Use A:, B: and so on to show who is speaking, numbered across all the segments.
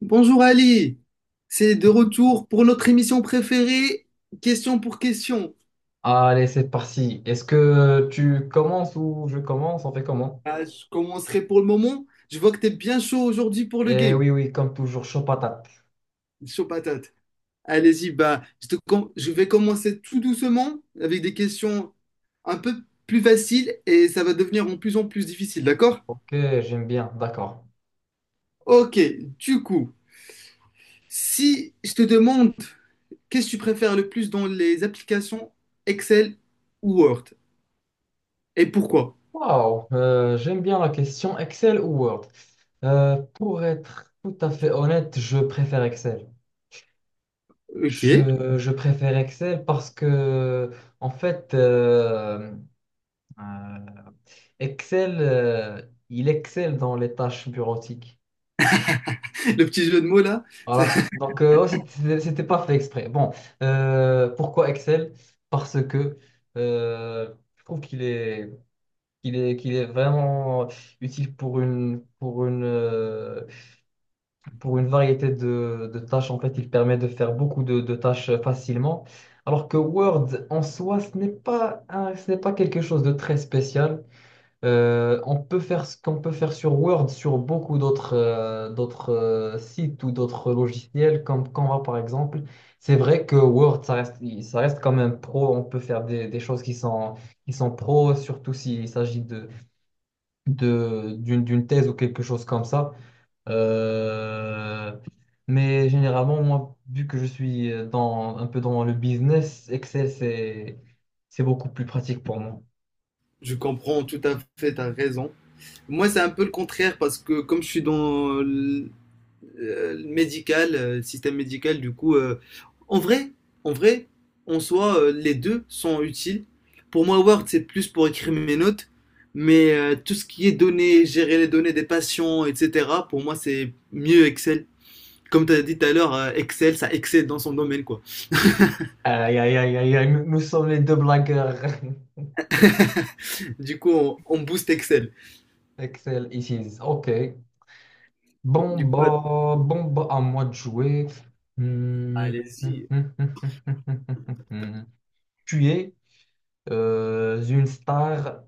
A: Bonjour Ali, c'est de retour pour notre émission préférée, question pour question.
B: Allez, c'est parti. Est-ce que tu commences ou je commence? On fait comment?
A: Ah, je commencerai pour le moment. Je vois que tu es bien chaud aujourd'hui pour le
B: Eh
A: game.
B: oui, oui, comme toujours, chaud patate.
A: Chaud patate. Allez-y, bah, je vais commencer tout doucement avec des questions un peu plus faciles et ça va devenir en plus difficile, d'accord?
B: Ok, j'aime bien, d'accord.
A: Ok, du coup, si je te demande qu'est-ce que tu préfères le plus dans les applications Excel ou Word et pourquoi?
B: Waouh, j'aime bien la question Excel ou Word. Pour être tout à fait honnête, je préfère Excel.
A: Ok.
B: Je préfère Excel parce que, en fait, euh, Excel, il excelle dans les tâches bureautiques.
A: Le petit jeu de mots là, ça,
B: Voilà. Donc, ouais, pas fait exprès. Bon, pourquoi Excel? Parce que je trouve qu'il est vraiment utile pour une variété de tâches. En fait, il permet de faire beaucoup de tâches facilement. Alors que Word, en soi, ce n'est pas quelque chose de très spécial. On peut faire ce qu'on peut faire sur Word, sur beaucoup d'autres sites ou d'autres logiciels comme Canva par exemple. C'est vrai que Word, ça reste quand même pro. On peut faire des choses qui sont pro, surtout s'il s'agit d'une thèse ou quelque chose comme ça. Euh, mais généralement, moi, vu que je suis dans, un peu dans le business, c'est beaucoup plus pratique pour moi.
A: je comprends tout à fait, tu raison. Moi, c'est un peu le contraire parce que comme je suis dans le médical, le système médical, du coup, en vrai, en vrai, en soi, les deux sont utiles. Pour moi, Word, c'est plus pour écrire mes notes, mais tout ce qui est données, gérer les données des patients, etc., pour moi, c'est mieux Excel. Comme tu as dit tout à l'heure, Excel, ça excelle dans son domaine, quoi.
B: Aïe, aïe, aïe, aïe, aïe, nous sommes les deux blagueurs.
A: Du coup, on booste Excel.
B: Excel, ici. Ok.
A: Du coup,
B: Bon, bah, à moi de jouer. Hmm.
A: allez-y.
B: Tu es une star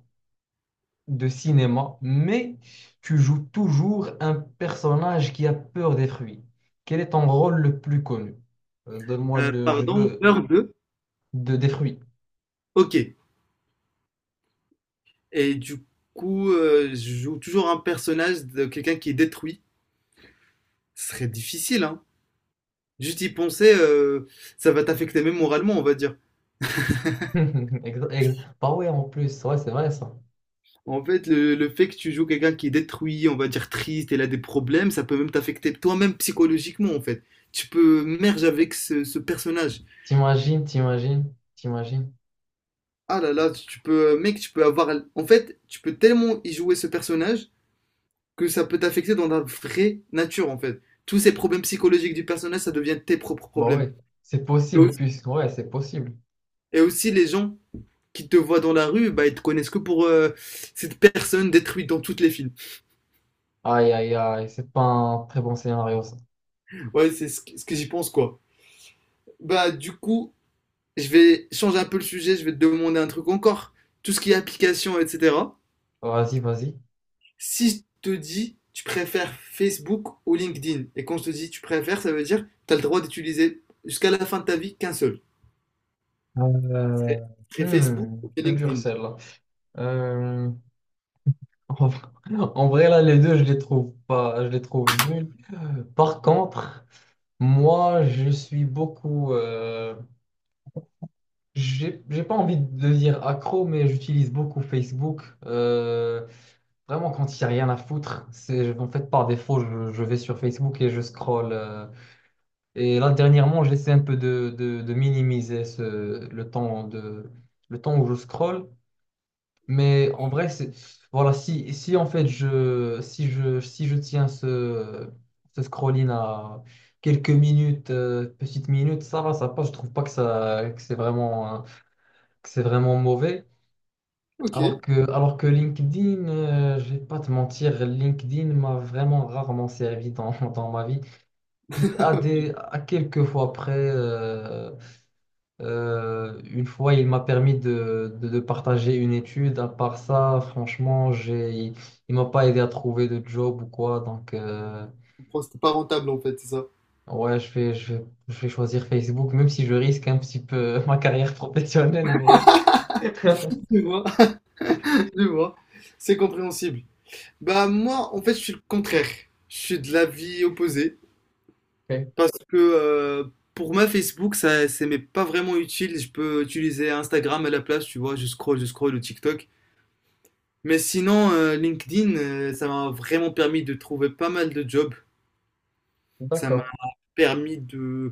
B: de cinéma, mais tu joues toujours un personnage qui a peur des fruits. Quel est ton rôle le plus connu? Donne-moi le jeu
A: Pardon, peur de?
B: des fruits.
A: OK et du coup, je joue toujours un personnage de quelqu'un qui est détruit. Ce serait difficile, hein? Juste y penser, ça va t'affecter même moralement, on va dire.
B: Bah ouais, en plus, ouais, c'est vrai ça.
A: En fait, le fait que tu joues quelqu'un qui est détruit, on va dire triste, il a des problèmes, ça peut même t'affecter toi-même psychologiquement, en fait. Tu peux merge avec ce personnage.
B: T'imagines.
A: Ah là là, tu peux, mec, tu peux avoir en fait, tu peux tellement y jouer ce personnage que ça peut t'affecter dans la vraie nature, en fait. Tous ces problèmes psychologiques du personnage, ça devient tes propres
B: Bah
A: problèmes.
B: ouais, c'est
A: Et
B: possible,
A: aussi,
B: puisque ouais, c'est possible.
A: et aussi, les gens qui te voient dans la rue, bah, ils te connaissent que pour cette personne détruite dans tous les films.
B: Aïe, aïe, aïe, c'est pas un très bon scénario ça.
A: Ouais, c'est ce que j'y pense, quoi. Bah, du coup, je vais changer un peu le sujet, je vais te demander un truc encore. Tout ce qui est application, etc.
B: Vas-y.
A: Si je te dis, tu préfères Facebook ou LinkedIn, et quand je te dis tu préfères, ça veut dire tu as le droit d'utiliser jusqu'à la fin de ta vie qu'un seul. C'est
B: Euh,
A: c'est Facebook
B: hmm,
A: ou c'est
B: peu dur
A: LinkedIn.
B: celle-là. Euh, en vrai, en vrai, là, les deux, je les trouve pas, je les trouve nuls. Par contre, moi, je suis beaucoup. J'ai pas envie de dire accro, mais j'utilise beaucoup Facebook. Vraiment, quand il n'y a rien à foutre, c'est en fait par défaut, je vais sur Facebook et je scrolle. Euh, et là, dernièrement, j'essaie un peu de minimiser le temps le temps où je scrolle. Mais en vrai, c'est, voilà, si, si en fait je, si je, si je tiens ce scrolling à quelques minutes, petites minutes, ça va, ça passe. Je trouve pas que ça, que c'est vraiment, hein, que c'est vraiment mauvais.
A: Ok.
B: Alors que LinkedIn, je vais pas te mentir, LinkedIn m'a vraiment rarement servi dans, dans ma vie. À quelques fois près, une fois, il m'a permis de partager une étude. À part ça, franchement, il m'a pas aidé à trouver de job ou quoi. Donc,
A: Bon, c'était pas rentable en fait, c'est ça.
B: ouais, je vais choisir Facebook, même si je risque un petit peu ma carrière professionnelle, mais.
A: Je vois, je vois. C'est compréhensible. Bah moi, en fait, je suis le contraire. Je suis de l'avis opposé.
B: Ok,
A: Parce que pour moi, Facebook, ça, c'est mais pas vraiment utile. Je peux utiliser Instagram à la place, tu vois. Je scroll ou TikTok. Mais sinon, LinkedIn, ça m'a vraiment permis de trouver pas mal de jobs. Ça m'a
B: d'accord.
A: permis de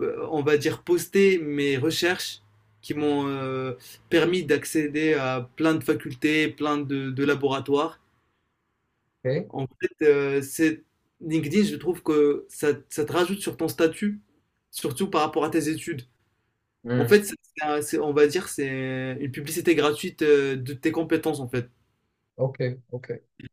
A: on va dire, poster mes recherches qui m'ont permis d'accéder à plein de facultés, de laboratoires.
B: Ok.
A: En fait, c'est LinkedIn, je trouve que ça te rajoute sur ton statut, surtout par rapport à tes études. En
B: Hmm.
A: fait, on va dire, c'est une publicité gratuite de tes compétences, en fait.
B: Ok, ok.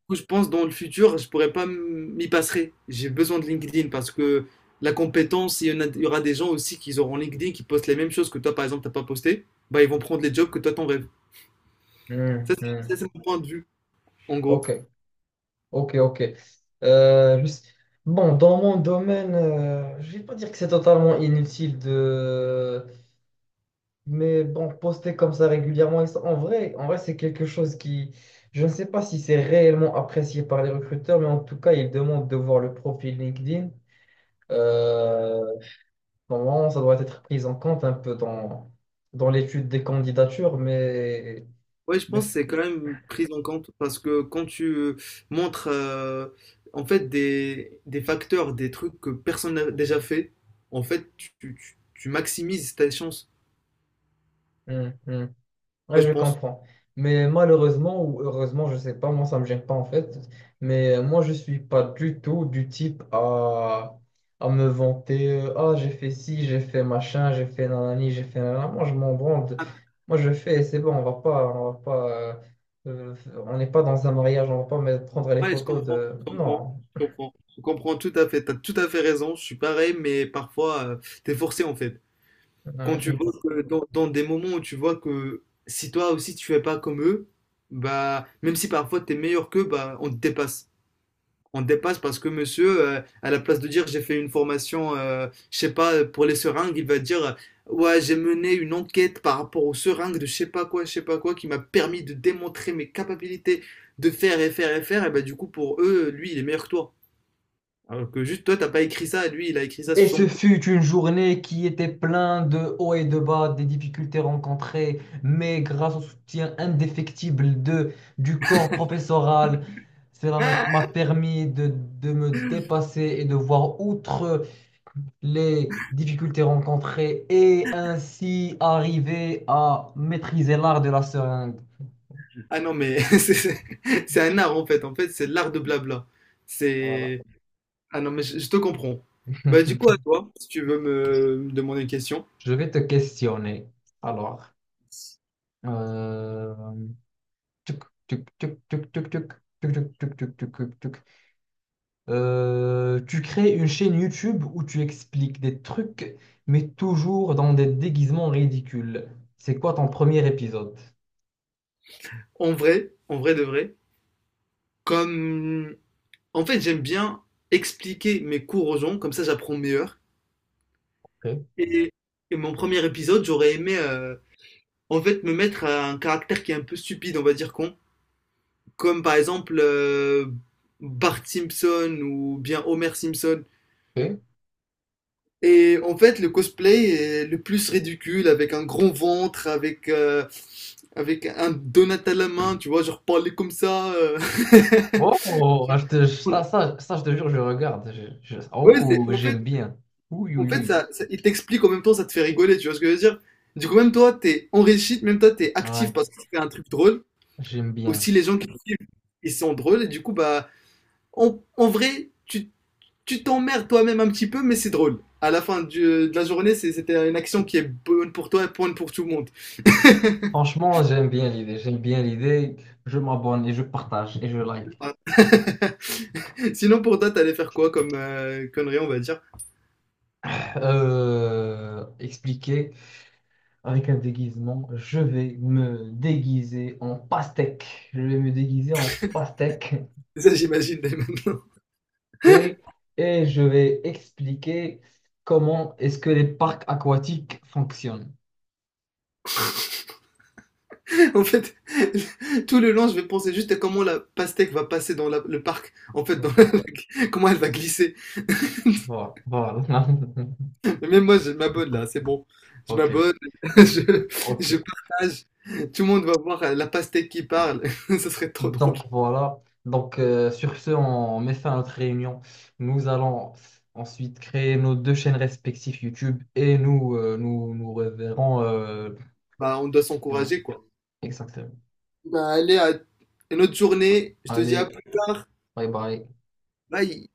A: Coup, je pense dans le futur, je pourrais pas m'y passer. J'ai besoin de LinkedIn parce que la compétence, il y aura des gens aussi qui auront LinkedIn qui postent les mêmes choses que toi, par exemple, t'as pas posté. Bah, ils vont prendre les jobs que toi, t'en rêves.
B: Hmm, hmm.
A: Ça, c'est mon point de vue, en gros.
B: Ok, ok, ok. Euh, je sais- bon, dans mon domaine, je vais pas dire que c'est totalement inutile de... Mais bon, poster comme ça régulièrement, en vrai, c'est quelque chose qui... Je ne sais pas si c'est réellement apprécié par les recruteurs, mais en tout cas, ils demandent de voir le profil LinkedIn. Euh, Normalement, ça doit être pris en compte un peu dans l'étude des candidatures,
A: Ouais, je
B: mais...
A: pense que c'est quand même pris en compte parce que quand tu montres en fait des facteurs, des trucs que personne n'a déjà fait, en fait, tu maximises ta chance.
B: Hmm, hmm.
A: Moi,
B: Ouais,
A: je
B: je
A: pense.
B: comprends. Mais malheureusement ou heureusement, je sais pas, moi ça me gêne pas en fait. Mais moi je suis pas du tout du type à me vanter. Euh, ah, j'ai fait ci, j'ai fait machin, j'ai fait nanani, j'ai fait nanana. Moi je m'en branle. De- Moi je fais et c'est bon, on va pas, euh, euh, on n'est pas dans un mariage, on va pas me prendre les
A: Ouais,
B: photos de. Non,
A: je comprends tout à fait, t'as tout à fait raison, je suis pareil, mais parfois, t'es forcé en fait. Quand tu
B: j'aime
A: vois
B: pas.
A: que dans des moments où tu vois que si toi aussi tu fais pas comme eux, bah, même si parfois t'es meilleur qu'eux, bah, on te dépasse. On dépasse parce que monsieur, à la place de dire j'ai fait une formation, je sais pas, pour les seringues, il va dire ouais, j'ai mené une enquête par rapport aux seringues de je sais pas quoi, je sais pas quoi, qui m'a permis de démontrer mes capacités de faire et faire et faire. Et bah, du coup, pour eux, lui, il est meilleur que toi. Alors que juste toi, t'as pas écrit ça, et lui, il a écrit ça sur
B: Et ce
A: son.
B: fut une journée qui était pleine de hauts et de bas, des difficultés rencontrées, mais grâce au soutien indéfectible du corps professoral, cela m'a
A: Ah,
B: permis de me dépasser et de voir outre les difficultés rencontrées et ainsi arriver à maîtriser l'art de la seringue.
A: ah non, mais c'est un art en fait. En fait, c'est l'art de blabla.
B: Voilà.
A: C'est. Ah non, mais je te comprends. Bah, du coup, à toi, si tu veux me demander une question.
B: Je vais te questionner. Alors, euh, tuc, tuc, tuc, tuc, tuc, tuc, tuc, tuc, tuc, tuc, tuc, tuc. Tu crées une chaîne YouTube où tu expliques des trucs, mais toujours dans des déguisements ridicules. C'est quoi ton premier épisode?
A: En vrai de vrai, comme en fait, j'aime bien expliquer mes cours aux gens, comme ça j'apprends meilleur.
B: Ok,
A: Et, et mon premier épisode, j'aurais aimé en fait me mettre à un caractère qui est un peu stupide, on va dire con, comme par exemple Bart Simpson ou bien Homer Simpson.
B: ok.
A: Et en fait, le cosplay est le plus ridicule, avec un grand ventre, avec avec un donut à la main, tu vois, genre parler comme ça.
B: Oh, ah, je te- ça, je te jure, je regarde.
A: Ouais,
B: Oh,
A: c'est en fait
B: j'aime bien. Oui,
A: en
B: oui,
A: fait,
B: oui.
A: il t'explique en même temps, ça te fait rigoler, tu vois ce que je veux dire? Du coup, même toi, t'es enrichi, même toi, t'es actif
B: Ouais,
A: parce que tu fais un truc drôle.
B: j'aime bien.
A: Aussi, les gens qui te suivent, ils sont drôles, et du coup, bah, en vrai, tu t'emmerdes toi-même un petit peu, mais c'est drôle. À la fin de la journée, c'était une action qui est bonne pour toi et bonne pour tout le monde.
B: Franchement, j'aime bien l'idée. J'aime bien l'idée. Je m'abonne et je partage et je like.
A: Voilà. Sinon, pour toi, t'allais faire quoi comme connerie, on va dire?
B: Expliquer, avec un déguisement. Je vais me déguiser en pastèque
A: Ça, j'imagine dès maintenant.
B: et, et je vais expliquer comment est-ce que les parcs aquatiques fonctionnent.
A: En fait, tout le long, je vais penser juste à comment la pastèque va passer dans le parc. En fait, comment elle va glisser.
B: Voilà, voilà.
A: Mais même moi, je m'abonne là, c'est bon. Je
B: Ok,
A: m'abonne, je,
B: ok.
A: je partage. Tout le monde va voir la pastèque qui parle. Ça serait trop drôle.
B: Donc voilà. Donc sur ce, on met fin à notre réunion. Nous allons ensuite créer nos deux chaînes respectives YouTube et nous reverrons. Euh,
A: Bah, on doit s'encourager, quoi.
B: exactement.
A: Bah, allez, à une autre journée. Je te dis à
B: Allez,
A: plus tard.
B: bye bye.
A: Bye.